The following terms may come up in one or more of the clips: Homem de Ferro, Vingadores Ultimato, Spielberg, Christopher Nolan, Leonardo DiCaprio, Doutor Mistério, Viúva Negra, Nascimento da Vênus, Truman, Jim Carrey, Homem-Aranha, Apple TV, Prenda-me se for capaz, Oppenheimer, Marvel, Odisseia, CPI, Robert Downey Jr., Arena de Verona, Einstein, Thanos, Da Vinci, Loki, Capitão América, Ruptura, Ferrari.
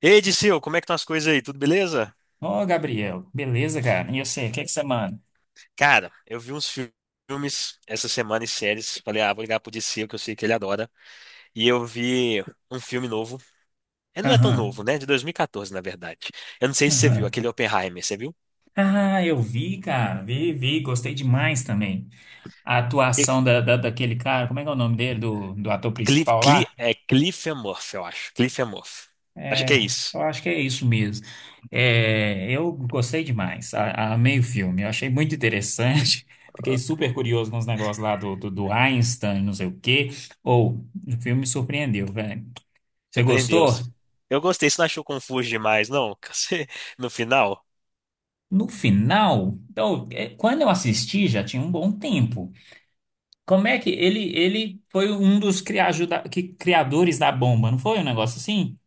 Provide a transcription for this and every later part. Ei, Dicil, como é que estão as coisas aí? Tudo beleza? Ô, Gabriel, beleza, cara? E você, o que você manda? Cara, eu vi filmes essa semana e séries. Falei, vou ligar pro Dicil, que eu sei que ele adora. E eu vi um filme novo. É, não é tão novo, Aham, né? De 2014, na verdade. Eu não sei se você viu, aham. aquele Oppenheimer, você viu? Ah, eu vi, cara, vi, gostei demais também. A E- atuação da daquele cara, como é que é o nome dele, do ator principal lá? É Cliff and Murphy, eu acho. Cliff and Murphy. Acho que é É, isso. eu acho que é isso mesmo. É, eu gostei demais, amei o filme, eu achei muito interessante. Fiquei super curioso com os negócios lá do Einstein, não sei o quê. Ou, o filme me surpreendeu, velho. Você Surpreendeu. gostou? Eu gostei, você não achou confuso demais, não? No final? No final, então, quando eu assisti já tinha um bom tempo. Como é que ele foi um dos criadores da bomba, não foi um negócio assim?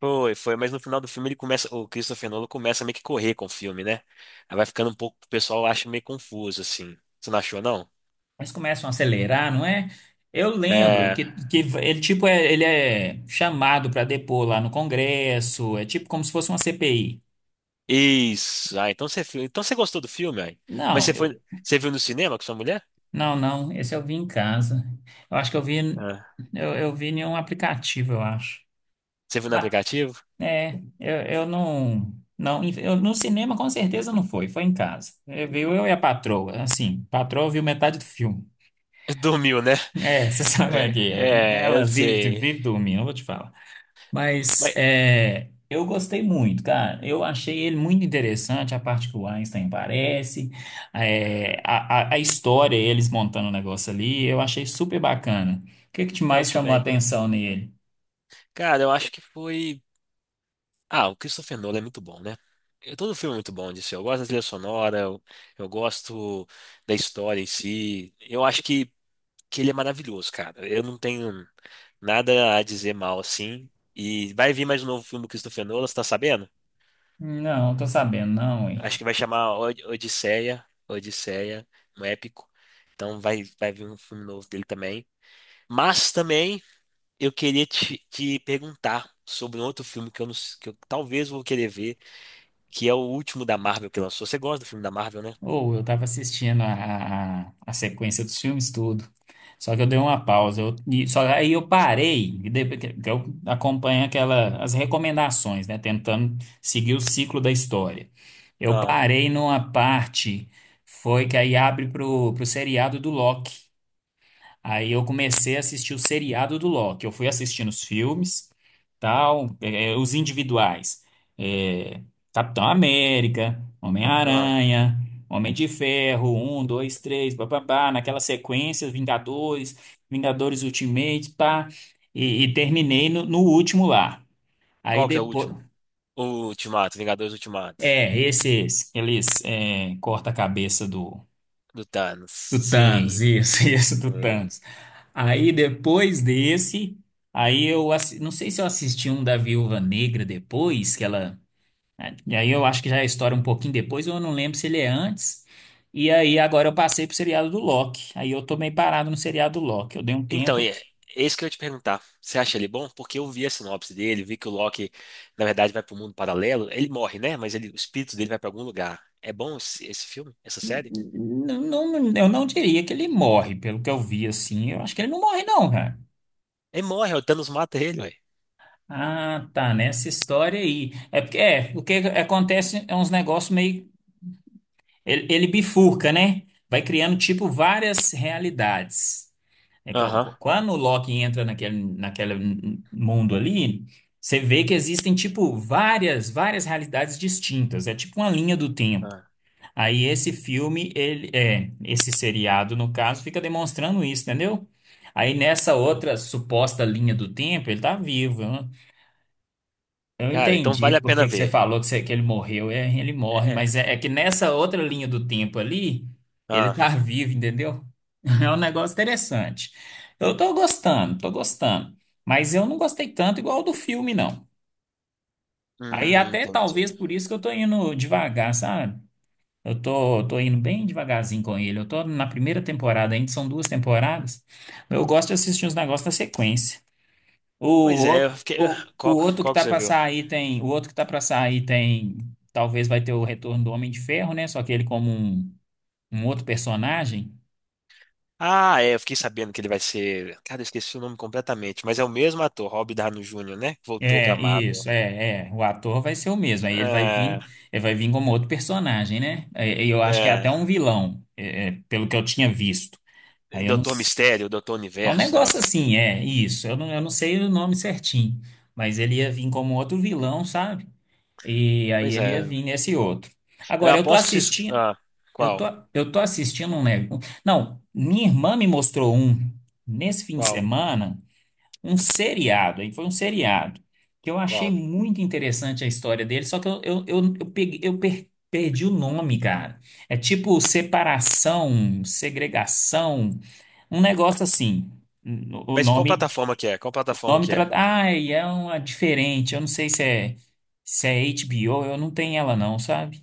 Foi, foi, mas no final do filme ele começa, o Christopher Nolan começa a meio que correr com o filme, né? Aí vai ficando um pouco, o pessoal acha meio confuso, assim. Você não achou, não? Eles começam a acelerar, não é? Eu lembro É. que ele tipo ele é chamado para depor lá no Congresso, é tipo como se fosse uma CPI. Isso. Ah, então você, então você gostou do filme, aí. Mas Não, você foi, você viu no cinema com sua mulher? Esse eu vi em casa. Eu acho que eu vi Ah, eu vi em um aplicativo, eu acho. você viu no aplicativo? É, eu não, não, eu, no cinema com certeza não foi, foi em casa. É, viu eu e a patroa, assim, a patroa viu metade do filme. Dormiu, né? É, você sabe como é que é. É, é, eu Ela vive, sei. vive dormindo, eu vou te falar. Mas Mas é, eu gostei muito, cara. Eu achei ele muito interessante, a parte que o Einstein aparece, é, a história, eles montando o negócio ali, eu achei super bacana. O que que te eu mais chamou a também. atenção nele? Cara, eu acho que foi. Ah, o Christopher Nolan é muito bom, né? Todo filme é muito bom disso. Eu gosto da trilha sonora, eu gosto da história em si. Eu acho que ele é maravilhoso, cara. Eu não tenho nada a dizer mal assim. E vai vir mais um novo filme do Christopher Nolan, você tá sabendo? Não, tô sabendo, não, Acho hein? que vai chamar Odisseia, Odisseia, um épico. Então vai, vai vir um filme novo dele também. Mas também eu queria te perguntar sobre um outro filme que eu, não, que eu talvez vou querer ver. Que é o último da Marvel que lançou. Você gosta do filme da Marvel, né? Ou eu tava assistindo a sequência dos filmes tudo. Só que eu dei uma pausa. Só aí eu parei, e depois que eu acompanho aquela, as recomendações, né? Tentando seguir o ciclo da história. Eu Ah, parei numa parte, foi que aí abre pro seriado do Loki. Aí eu comecei a assistir o seriado do Loki. Eu fui assistindo os filmes, tal, os individuais. É, Capitão América, ah. Homem-Aranha, Homem de Ferro, um, dois, três, papapá, naquela sequência, Vingadores, Vingadores Ultimate, pá, e terminei no último lá. Aí Qual que é o depois. último? O Ultimato, Vingadores Ultimato, É, esse. Eles corta a cabeça do. do Thanos. Do Thanos, Sim. isso, isso, do Hum. Thanos. Aí depois desse, aí não sei se eu assisti um da Viúva Negra depois, que ela. E aí eu acho que já é a história um pouquinho depois, eu não lembro se ele é antes. E aí agora eu passei pro seriado do Loki. Aí eu tô meio parado no seriado do Loki. Eu dei um Então, tempo. é isso que eu ia te perguntar. Você acha ele bom? Porque eu vi a sinopse dele, vi que o Loki, na verdade, vai para o mundo paralelo. Ele morre, né? Mas ele, o espírito dele vai para algum lugar. É bom esse filme? Essa série? Não, eu não diria que ele morre, pelo que eu vi assim. Eu acho que ele não morre, não, cara. Ele morre, o Thanos mata ele, ué. Ah, tá, nessa história aí. É porque é, o que acontece é uns negócios meio. Ele bifurca, né? Vai criando, tipo, várias realidades. É, Aham. Quando o Loki entra naquele mundo ali, você vê que existem, tipo, várias realidades distintas. É tipo uma linha do tempo. Ah, Aí esse filme, ele, é, esse seriado, no caso, fica demonstrando isso, entendeu? Aí nessa outra ah. suposta linha do tempo, ele tá vivo, né? Eu Cara, então entendi vale a por pena que que você ver. falou que, que ele morreu. É, ele morre, É. mas é, é que nessa outra linha do tempo ali, ele Ah, tá vivo, entendeu? É um negócio interessante. Eu tô gostando. Mas eu não gostei tanto igual do filme, não. Aí até talvez entendi. por isso que eu tô indo devagar, sabe? Eu tô indo bem devagarzinho com ele. Eu tô na primeira temporada ainda, são duas temporadas. Eu gosto de assistir uns negócios na sequência. O Pois é, outro, eu fiquei. O Qual, outro que qual que tá você pra viu? sair tem, o outro que tá pra sair tem, talvez vai ter o retorno do Homem de Ferro, né? Só que ele como um outro personagem. Ah, é, eu fiquei sabendo que ele vai ser. Cara, eu esqueci o nome completamente, mas é o mesmo ator, Robert Downey Jr., né? Que voltou pra É, Marvel. isso, é. O ator vai ser o mesmo. Aí É, ele vai vir como outro personagem, né? É, eu acho que é é. até um vilão, pelo que eu tinha visto. Aí eu não, Doutor s- Mistério, Doutor é um Universo, negócio negócio. assim, é isso. Eu não sei o nome certinho, mas ele ia vir como outro vilão, sabe? E aí Pois ele ia é. vir nesse outro. Eu Agora eu tô aposto que vocês. assistindo. Ah, Eu tô, qual? eu tô assistindo um negócio. Não, minha irmã me mostrou um, nesse fim de Qual? semana, um seriado. Aí foi um seriado que eu achei Qual? muito interessante a história dele, só que eu perdi o nome, cara. É tipo separação, segregação, um negócio assim. O Mas qual nome, plataforma que é? Qual o plataforma nome que é? trata. Ai, é uma diferente. Eu não sei se é HBO, eu não tenho ela, não, sabe?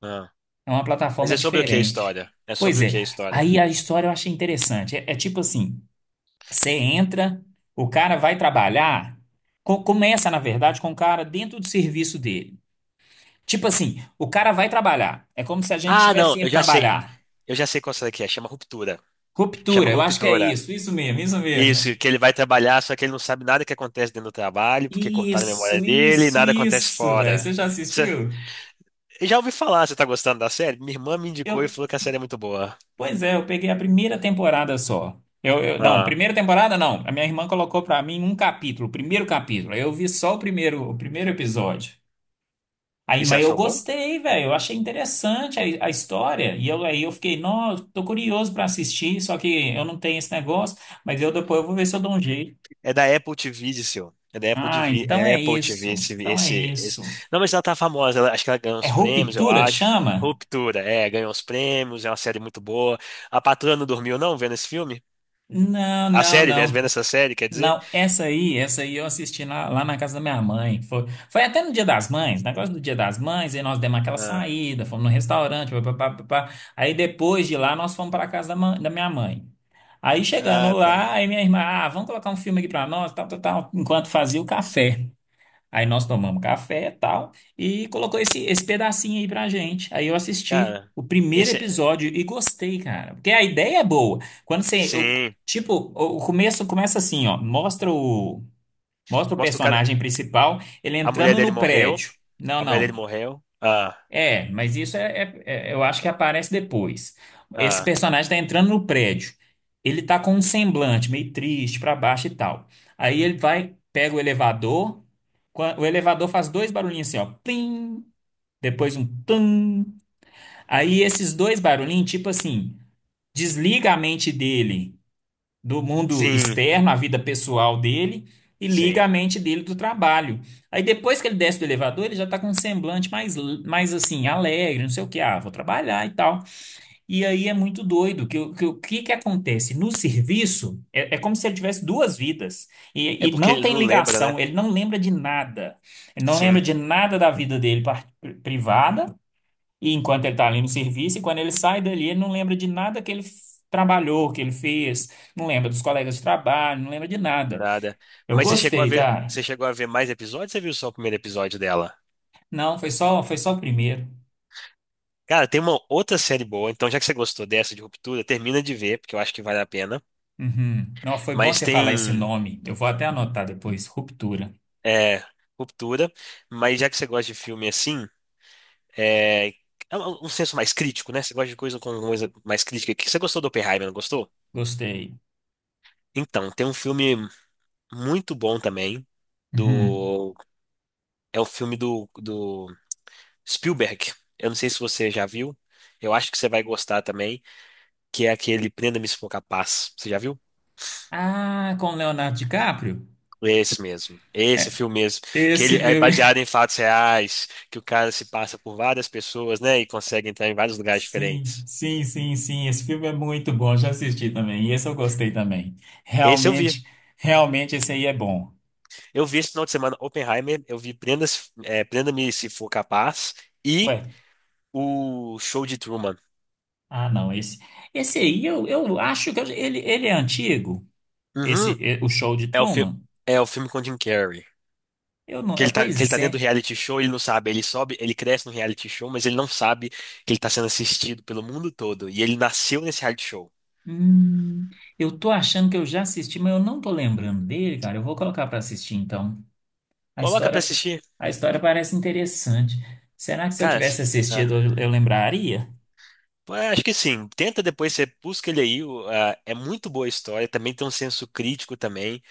Ah. É uma Mas plataforma é sobre o que a diferente. história? É Pois sobre o é, que a história? aí a história eu achei interessante. É, é tipo assim, você entra, o cara vai trabalhar, começa, na verdade, com o cara dentro do serviço dele. Tipo assim, o cara vai trabalhar. É como se a gente Ah, não, tivesse eu indo já sei. trabalhar. Eu já sei qual será que é. Chama Ruptura. Chama Ruptura, eu acho que é Ruptura. isso, isso mesmo. Isso, que ele vai trabalhar, só que ele não sabe nada que acontece dentro do trabalho, porque cortaram a memória Isso, dele e isso, nada acontece isso, velho. fora. Você já Você, assistiu? eu já ouvi falar, você tá gostando da série? Minha irmã me indicou e Eu, falou que a série é muito boa. Pois é, eu peguei a primeira temporada só. Não, Ah, primeira temporada não. A minha irmã colocou pra mim um capítulo, o primeiro capítulo. Aí eu vi só o primeiro episódio. Aí, e você mas eu achou bom? gostei, velho. Eu achei interessante a história. Aí eu fiquei, nossa, tô curioso pra assistir, só que eu não tenho esse negócio. Mas eu depois eu vou ver se eu dou um jeito. É da Apple TV, disse eu. É da Apple Ah, TV, então é é Apple TV, isso. Então é isso. Não, mas ela tá famosa, acho que ela ganhou É uns prêmios, eu ruptura que acho. chama? Ruptura, é, ganhou uns prêmios, é uma série muito boa. A patroa não dormiu, não, vendo esse filme? Não, A não, série, vendo não. essa série, quer dizer? Não, essa aí eu assisti lá na casa da minha mãe. Foi até no Dia das Mães, negócio do Dia das Mães, aí nós demos aquela Ah, saída, fomos no restaurante, pá, pá, pá, pá, pá. Aí depois de lá nós fomos para a casa da, da minha mãe. Aí chegando ah, tá. lá, aí minha irmã, ah, vamos colocar um filme aqui para nós, tal, tal, tal, enquanto fazia o café. Aí nós tomamos café e tal, e colocou esse pedacinho aí pra gente. Aí eu assisti Cara, o primeiro esse. episódio e gostei, cara. Porque a ideia é boa. Quando você. Sim. Tipo, o começo começa assim, ó. Mostra o, mostra o Mostra o cara. personagem principal, ele A mulher entrando dele no morreu. prédio. Não, A mulher dele não. morreu. Ah, É, mas isso eu acho que aparece depois. Esse ah. personagem tá entrando no prédio. Ele tá com um semblante meio triste pra baixo e tal. Aí ele vai, pega o elevador. O elevador faz dois barulhinhos assim, ó, plim, depois um tum. Aí esses dois barulhinhos, tipo assim, desliga a mente dele do mundo Sim, externo, a vida pessoal dele, e liga sim. a mente dele do trabalho. Aí depois que ele desce do elevador, ele já está com um semblante mais, mais assim, alegre, não sei o que, ah, vou trabalhar e tal. E aí é muito doido, que, o que que acontece? No serviço, é como se ele tivesse duas vidas, É e porque não ele tem não lembra, né? ligação, ele não lembra de nada, ele não lembra Sim, de nada da vida dele privada, e enquanto ele está ali no serviço, e quando ele sai dali, ele não lembra de nada que trabalhou, que ele fez, não lembra dos colegas de trabalho, não lembra de nada. nada. Eu Mas você chegou a gostei, ver, cara. você chegou a ver mais episódios, ou você viu só o primeiro episódio dela? Não, foi só o primeiro. Cara, tem uma outra série boa, então já que você gostou dessa de Ruptura, termina de ver, porque eu acho que vale a pena. Uhum. Não, foi bom Mas você falar esse tem nome. Eu vou até anotar depois. Ruptura. é, Ruptura, mas já que você gosta de filme assim, é, é um senso mais crítico, né? Você gosta de coisa com coisa mais crítica. Que você gostou do Oppenheimer, não gostou? Gostei. Então, tem um filme muito bom também, Uhum. do é o filme do, do Spielberg. Eu não sei se você já viu. Eu acho que você vai gostar também, que é aquele Prenda-me se for capaz. Você já viu? Ah, com Leonardo DiCaprio? Esse mesmo. Esse É, filme mesmo, que ele esse é filme. baseado em fatos reais, que o cara se passa por várias pessoas, né, e consegue entrar em vários lugares Sim, diferentes. sim, sim, sim. Esse filme é muito bom. Já assisti também. E esse eu gostei também. Esse eu vi. Realmente, realmente esse aí é bom. Eu vi esse final de semana Oppenheimer, eu vi Prenda-me se for capaz e Ué, o Show de Truman. ah, não, esse aí eu acho que ele, ele é antigo, Uhum. esse é, o show de É o filme Truman. é o filme com Jim Carrey. Eu não, Que é, ele tá, que ele pois tá dentro do é. reality show, ele não sabe, ele sobe, ele cresce no reality show, mas ele não sabe que ele tá sendo assistido pelo mundo todo e ele nasceu nesse reality show. Hum, eu tô achando que eu já assisti, mas eu não tô lembrando dele, cara. Eu vou colocar pra assistir então. A Coloca pra história, assistir. a história parece interessante. Será que se eu Cara, se- tivesse ah, assistido eu lembraria? Pô, é, acho que sim. Tenta depois, você busca ele aí. É muito boa a história, também tem um senso crítico também.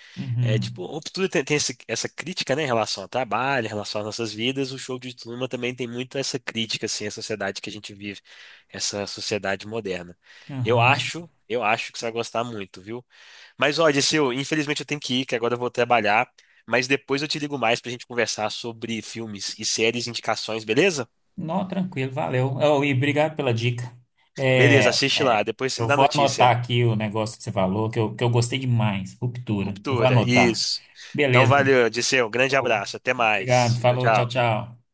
É Uhum. tipo, o tudo tem, tem essa crítica, né, em relação ao trabalho, em relação às nossas vidas. O show de Truman também tem muito essa crítica, assim, à sociedade que a gente vive, essa sociedade moderna. Aham. Eu acho que você vai gostar muito, viu? Mas, ó, Odisseu, infelizmente eu tenho que ir, que agora eu vou trabalhar. Mas depois eu te ligo mais pra gente conversar sobre filmes e séries, indicações, beleza? Não, tranquilo, valeu. Oh, e obrigado pela dica. É, Beleza, assiste lá. é, Depois você me eu dá vou notícia. anotar aqui o negócio que você falou, que eu gostei demais. Ruptura. Eu vou Ruptura, anotar. isso. Então, Beleza. valeu, Odisseu. Grande Ô, abraço. Até obrigado. mais. Tchau, Falou, tchau, tchau. tchau.